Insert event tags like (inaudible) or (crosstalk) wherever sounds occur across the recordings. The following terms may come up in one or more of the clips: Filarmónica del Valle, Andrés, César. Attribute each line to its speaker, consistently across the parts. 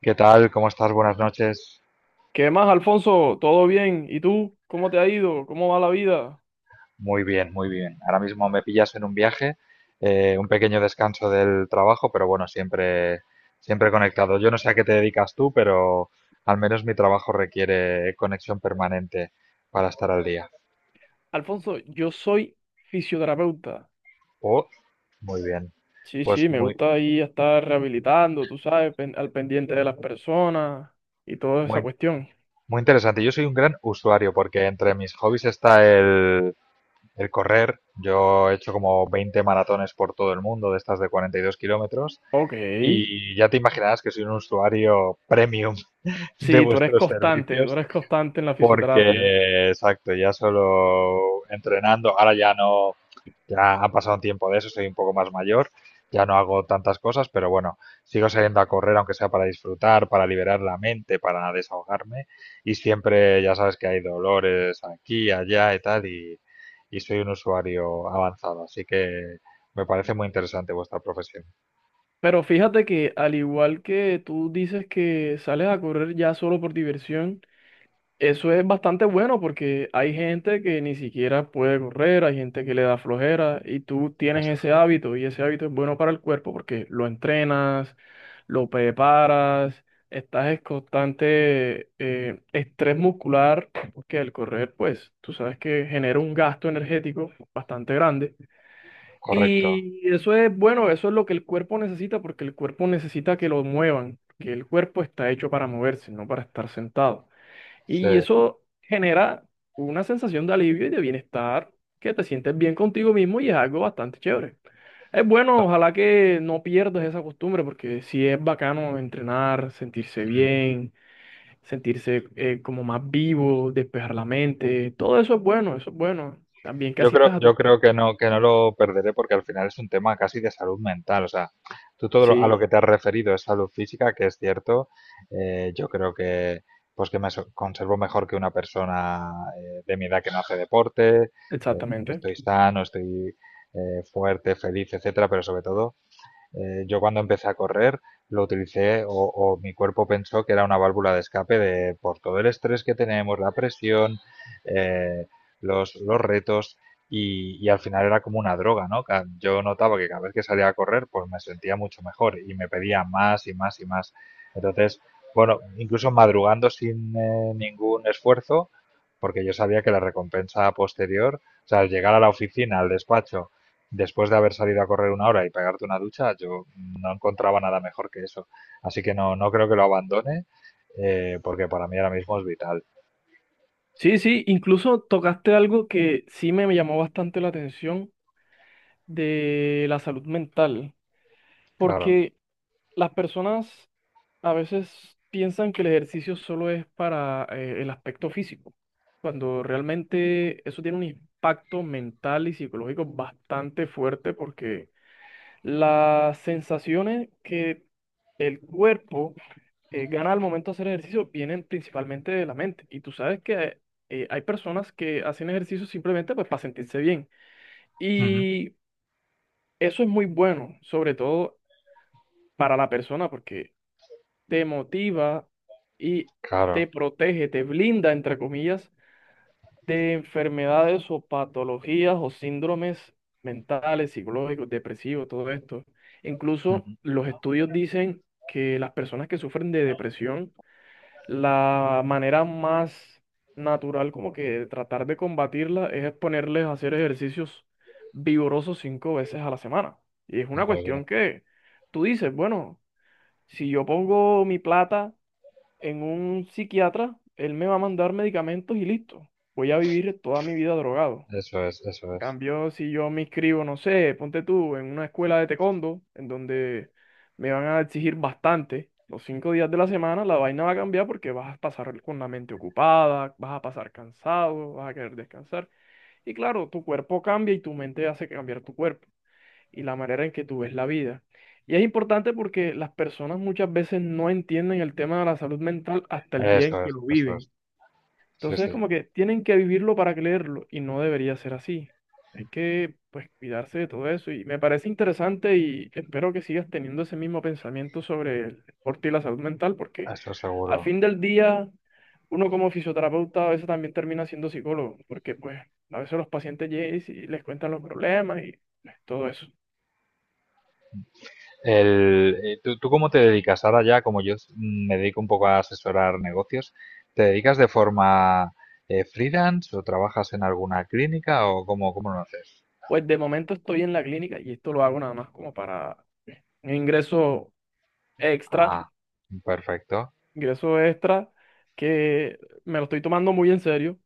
Speaker 1: ¿Qué tal? ¿Cómo estás? Buenas noches.
Speaker 2: ¿Qué más, Alfonso? ¿Todo bien? ¿Y tú? ¿Cómo te ha ido? ¿Cómo va la vida?
Speaker 1: Muy bien, muy bien. Ahora mismo me pillas en un viaje, un pequeño descanso del trabajo, pero bueno, siempre conectado. Yo no sé a qué te dedicas tú, pero al menos mi trabajo requiere conexión permanente para estar al día.
Speaker 2: Alfonso, yo soy fisioterapeuta.
Speaker 1: Oh, muy bien.
Speaker 2: Sí,
Speaker 1: Pues
Speaker 2: sí, me gusta ahí estar rehabilitando, tú sabes, al pendiente de las personas y toda esa
Speaker 1: muy,
Speaker 2: cuestión.
Speaker 1: muy interesante. Yo soy un gran usuario porque entre mis hobbies está el correr. Yo he hecho como 20 maratones por todo el mundo, de estas de 42 kilómetros.
Speaker 2: Ok.
Speaker 1: Y ya te imaginarás que soy un usuario premium (laughs) de
Speaker 2: Sí,
Speaker 1: vuestros
Speaker 2: tú
Speaker 1: servicios
Speaker 2: eres constante en la fisioterapia.
Speaker 1: porque, exacto, ya solo entrenando, ahora ya no, ya ha pasado un tiempo de eso, soy un poco más mayor, ya no hago tantas cosas, pero bueno, sigo saliendo a correr aunque sea para disfrutar, para liberar la mente, para desahogarme y siempre ya sabes que hay dolores aquí, allá y tal y soy un usuario avanzado, así que me parece muy interesante vuestra profesión.
Speaker 2: Pero fíjate que al igual que tú dices que sales a correr ya solo por diversión, eso es bastante bueno porque hay gente que ni siquiera puede correr, hay gente que le da flojera y tú tienes
Speaker 1: Eso, es,
Speaker 2: ese hábito y ese hábito es bueno para el cuerpo porque lo entrenas, lo preparas, estás en constante estrés muscular porque el correr pues tú sabes que genera un gasto energético bastante grande
Speaker 1: correcto.
Speaker 2: y eso es bueno, eso es lo que el cuerpo necesita porque el cuerpo necesita que lo muevan, que el cuerpo está hecho para moverse, no para estar sentado. Y
Speaker 1: Sí.
Speaker 2: eso genera una sensación de alivio y de bienestar, que te sientes bien contigo mismo y es algo bastante chévere. Es bueno, ojalá que no pierdas esa costumbre, porque sí es bacano entrenar, sentirse
Speaker 1: Mm.
Speaker 2: bien, sentirse como más vivo, despejar la mente, todo eso es bueno, eso es bueno. También que
Speaker 1: Yo creo,
Speaker 2: asistas a
Speaker 1: yo
Speaker 2: tus
Speaker 1: creo
Speaker 2: terapias.
Speaker 1: que no lo perderé porque al final es un tema casi de salud mental. O sea, tú todo a lo
Speaker 2: Sí,
Speaker 1: que te has referido es salud física, que es cierto. Yo creo que pues que me conservo mejor que una persona de mi edad que no hace deporte. eh,
Speaker 2: exactamente.
Speaker 1: estoy sano, estoy fuerte, feliz, etcétera, pero sobre todo, yo cuando empecé a correr lo utilicé o mi cuerpo pensó que era una válvula de escape de por todo el estrés que tenemos, la presión, eh, los retos y al final era como una droga, ¿no? Yo notaba que cada vez que salía a correr pues me sentía mucho mejor y me pedía más y más y más. Entonces, bueno, incluso madrugando sin ningún esfuerzo, porque yo sabía que la recompensa posterior, o sea, al llegar a la oficina, al despacho, después de haber salido a correr una hora y pegarte una ducha, yo no encontraba nada mejor que eso. Así que no, no creo que lo abandone, porque para mí ahora mismo es vital.
Speaker 2: Sí, sí, incluso tocaste algo que sí me llamó bastante la atención de la salud mental,
Speaker 1: Claro.
Speaker 2: porque... Las personas a veces piensan que el ejercicio solo es para el aspecto físico, cuando realmente eso tiene un impacto mental y psicológico bastante fuerte porque las sensaciones que el cuerpo gana al momento de hacer ejercicio vienen principalmente de la mente. Y tú sabes que hay personas que hacen ejercicio simplemente pues, para sentirse bien.
Speaker 1: Ujú,
Speaker 2: Y eso es muy bueno, sobre todo para la persona, porque... te motiva y te
Speaker 1: claro.
Speaker 2: protege, te blinda, entre comillas, de enfermedades o patologías o síndromes mentales, psicológicos, depresivos, todo esto. Incluso
Speaker 1: Ujú.
Speaker 2: los estudios dicen que las personas que sufren de depresión, la manera más natural como que de tratar de combatirla es ponerles a hacer ejercicios vigorosos cinco veces a la semana. Y es una
Speaker 1: Muy bien.
Speaker 2: cuestión que tú dices, bueno, si yo pongo mi plata en un psiquiatra, él me va a mandar medicamentos y listo. Voy a vivir toda mi vida drogado.
Speaker 1: Eso es, eso es.
Speaker 2: Cambio, si yo me inscribo, no sé, ponte tú, en una escuela de taekwondo, en donde me van a exigir bastante, los 5 días de la semana, la vaina va a cambiar porque vas a pasar con la mente ocupada, vas a pasar cansado, vas a querer descansar. Y claro, tu cuerpo cambia y tu mente hace cambiar tu cuerpo y la manera en que tú ves la vida. Y es importante porque las personas muchas veces no entienden el tema de la salud mental hasta el día en
Speaker 1: Eso
Speaker 2: que
Speaker 1: es,
Speaker 2: lo
Speaker 1: eso es.
Speaker 2: viven.
Speaker 1: Sí,
Speaker 2: Entonces,
Speaker 1: sí,
Speaker 2: como que tienen que vivirlo para creerlo y no debería ser así. Hay que, pues, cuidarse de todo eso y me parece interesante y espero que sigas teniendo ese mismo pensamiento sobre el deporte y la salud mental porque
Speaker 1: eso
Speaker 2: al
Speaker 1: seguro.
Speaker 2: fin del día uno como fisioterapeuta a veces también termina siendo psicólogo porque, pues, a veces los pacientes llegan y les cuentan los problemas y pues, todo eso.
Speaker 1: El, ¿tú cómo te dedicas? Ahora ya, como yo me dedico un poco a asesorar negocios, ¿te dedicas de forma freelance o trabajas en alguna clínica o cómo, cómo lo haces?
Speaker 2: Pues de momento estoy en la clínica y esto lo hago nada más como para un extra,
Speaker 1: Ah, perfecto.
Speaker 2: ingreso extra que me lo estoy tomando muy en serio.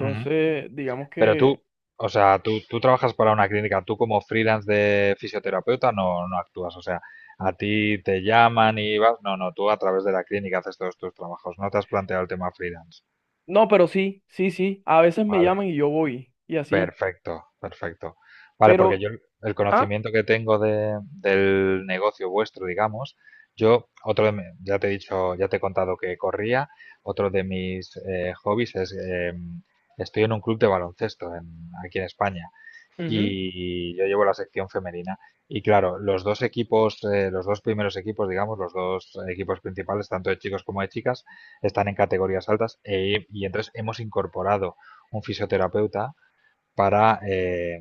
Speaker 1: Ujú.
Speaker 2: digamos
Speaker 1: Pero tú,
Speaker 2: que...
Speaker 1: o sea, tú trabajas para una clínica, tú como freelance de fisioterapeuta no, no actúas, o sea, a ti te llaman y vas, no, no, tú a través de la clínica haces todos tus trabajos, no te has planteado el tema freelance.
Speaker 2: No, pero sí, sí, sí. A veces me
Speaker 1: Vale,
Speaker 2: llaman y yo voy y así.
Speaker 1: perfecto, perfecto. Vale, porque
Speaker 2: Pero,
Speaker 1: yo el
Speaker 2: ah,
Speaker 1: conocimiento que tengo de, del negocio vuestro, digamos, yo, otro de, ya te he dicho, ya te he contado que corría, otro de mis hobbies es, estoy en un club de baloncesto aquí en España.
Speaker 2: ujú,
Speaker 1: Y yo llevo la sección femenina. Y claro, los dos equipos, los dos primeros equipos, digamos, los dos equipos principales, tanto de chicos como de chicas, están en categorías altas y entonces hemos incorporado un fisioterapeuta para,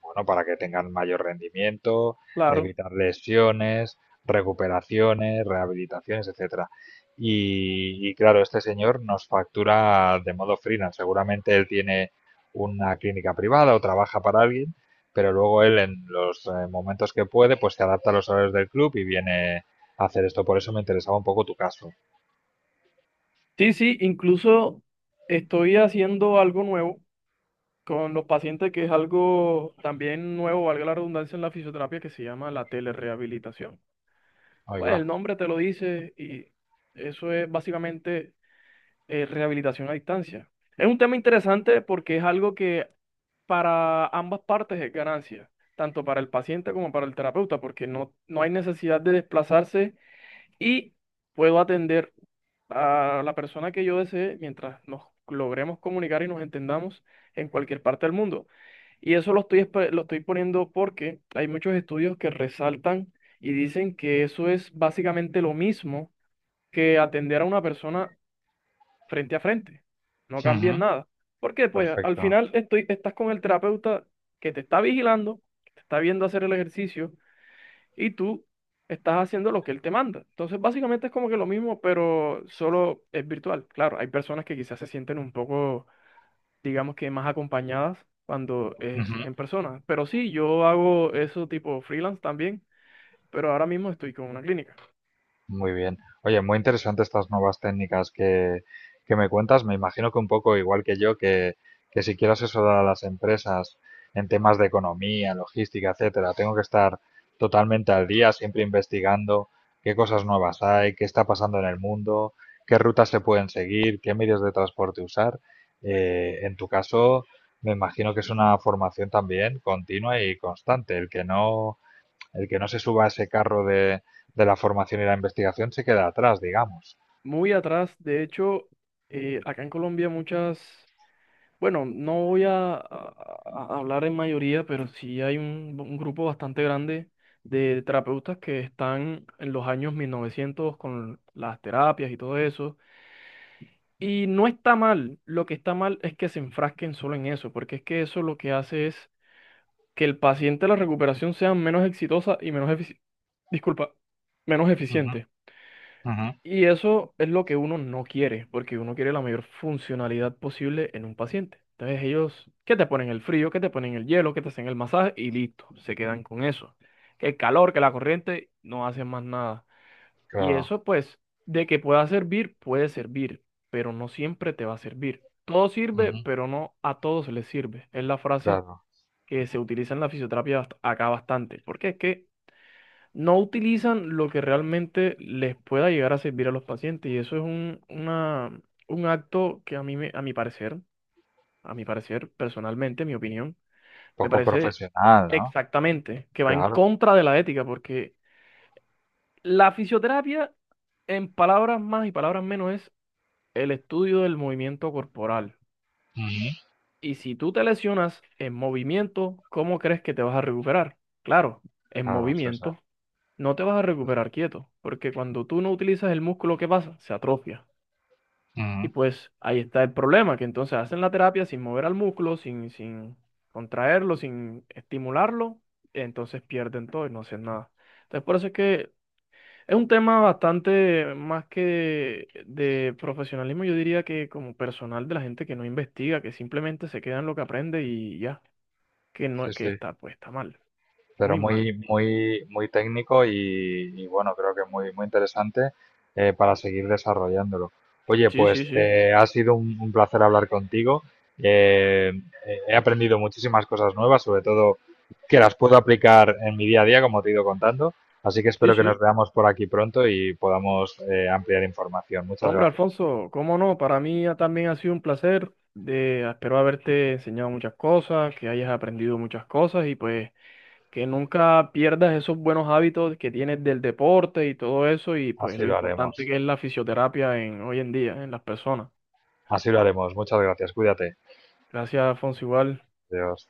Speaker 1: bueno, para que tengan mayor rendimiento,
Speaker 2: claro.
Speaker 1: evitar lesiones, recuperaciones, rehabilitaciones, etcétera. Y claro, este señor nos factura de modo freelance. Seguramente él tiene una clínica privada o trabaja para alguien, pero luego él en los momentos que puede, pues se adapta a los horarios del club y viene a hacer esto. Por eso me interesaba un poco tu caso.
Speaker 2: Sí, sí, incluso estoy haciendo algo nuevo con los pacientes que es algo también nuevo, valga la redundancia, en la fisioterapia que se llama la telerehabilitación.
Speaker 1: Ahí
Speaker 2: Pues
Speaker 1: va.
Speaker 2: el nombre te lo dice y eso es básicamente rehabilitación a distancia. Es un tema interesante porque es algo que para ambas partes es ganancia, tanto para el paciente como para el terapeuta, porque no, no hay necesidad de desplazarse y puedo atender a la persona que yo desee mientras nos logremos comunicar y nos entendamos en cualquier parte del mundo. Y eso lo estoy, lo estoy poniendo porque hay muchos estudios que resaltan y dicen que eso es básicamente lo mismo que atender a una persona frente a frente. No cambia
Speaker 1: Ujú.
Speaker 2: en nada. Porque pues al
Speaker 1: Perfecto.
Speaker 2: final estoy, estás con el terapeuta que te está vigilando, que te está viendo hacer el ejercicio y tú estás haciendo lo que él te manda. Entonces básicamente es como que lo mismo, pero solo es virtual. Claro, hay personas que quizás se sienten un poco digamos que más acompañadas cuando es
Speaker 1: Ujú.
Speaker 2: en persona. Pero sí, yo hago eso tipo freelance también, pero ahora mismo estoy con una clínica.
Speaker 1: Muy bien. Oye, muy interesante estas nuevas técnicas que me cuentas. Me imagino que un poco igual que yo, que si quiero asesorar a las empresas en temas de economía, logística, etcétera, tengo que estar totalmente al día, siempre investigando qué cosas nuevas hay, qué está pasando en el mundo, qué rutas se pueden seguir, qué medios de transporte usar. En tu caso, me imagino que es una formación también continua y constante. El que no se suba a ese carro de la formación y la investigación se queda atrás, digamos.
Speaker 2: Muy atrás, de hecho, acá en Colombia muchas, bueno, no voy a hablar en mayoría, pero sí hay un, grupo bastante grande de terapeutas que están en los años 1900 con las terapias y todo eso. Y no está mal, lo que está mal es que se enfrasquen solo en eso, porque es que eso lo que hace es que el paciente, la recuperación sea menos exitosa y menos disculpa, menos
Speaker 1: Ujú,
Speaker 2: eficiente.
Speaker 1: ujú,
Speaker 2: Y eso es lo que uno no quiere, porque uno quiere la mayor funcionalidad posible en un paciente. Entonces ellos, que te ponen el frío, que te ponen el hielo, que te hacen el masaje y listo, se quedan con eso. Que el calor, que la corriente, no hacen más nada. Y
Speaker 1: Claro.
Speaker 2: eso pues, de que pueda servir, puede servir, pero no siempre te va a servir. Todo sirve,
Speaker 1: Ujú,
Speaker 2: pero no a todos les sirve. Es la frase
Speaker 1: claro.
Speaker 2: que se utiliza en la fisioterapia acá bastante, porque es que no utilizan lo que realmente les pueda llegar a servir a los pacientes y eso es un, un acto que a mi parecer, personalmente, mi opinión, me
Speaker 1: Poco
Speaker 2: parece
Speaker 1: profesional, ¿no?
Speaker 2: exactamente que va en
Speaker 1: Claro,
Speaker 2: contra de la ética, porque la fisioterapia, en palabras más y palabras menos, es el estudio del movimiento corporal.
Speaker 1: ujú,
Speaker 2: Y si tú te lesionas en movimiento, ¿cómo crees que te vas a recuperar? Claro, en
Speaker 1: claro, César.
Speaker 2: movimiento. No te vas a recuperar quieto, porque cuando tú no utilizas el músculo, ¿qué pasa? Se atrofia. Y
Speaker 1: Ujú.
Speaker 2: pues ahí está el problema, que entonces hacen la terapia sin mover al músculo, sin contraerlo, sin estimularlo, entonces pierden todo y no hacen nada. Entonces por eso es que es un tema bastante más que de profesionalismo, yo diría que como personal de la gente que no investiga, que simplemente se queda en lo que aprende y ya, que
Speaker 1: Sí,
Speaker 2: no, que
Speaker 1: sí,
Speaker 2: está, pues está mal,
Speaker 1: pero
Speaker 2: muy mal.
Speaker 1: muy técnico y bueno, creo que muy, muy interesante para seguir desarrollándolo. Oye,
Speaker 2: Sí, sí,
Speaker 1: pues
Speaker 2: sí.
Speaker 1: ha sido un placer hablar contigo. Eh, he aprendido muchísimas cosas nuevas, sobre todo que las puedo aplicar en mi día a día, como te he ido contando. Así que
Speaker 2: Sí,
Speaker 1: espero que nos
Speaker 2: sí.
Speaker 1: veamos por aquí pronto y podamos ampliar información. Muchas
Speaker 2: Hombre,
Speaker 1: gracias.
Speaker 2: Alfonso, cómo no, para mí también ha sido un placer. De, espero haberte enseñado muchas cosas, que hayas aprendido muchas cosas y pues que nunca pierdas esos buenos hábitos que tienes del deporte y todo eso y pues
Speaker 1: Así
Speaker 2: lo
Speaker 1: lo
Speaker 2: importante
Speaker 1: haremos.
Speaker 2: que es la fisioterapia en, hoy en día en las personas.
Speaker 1: Así lo haremos. Muchas gracias. Cuídate.
Speaker 2: Gracias, Alfonso, igual.
Speaker 1: Adiós.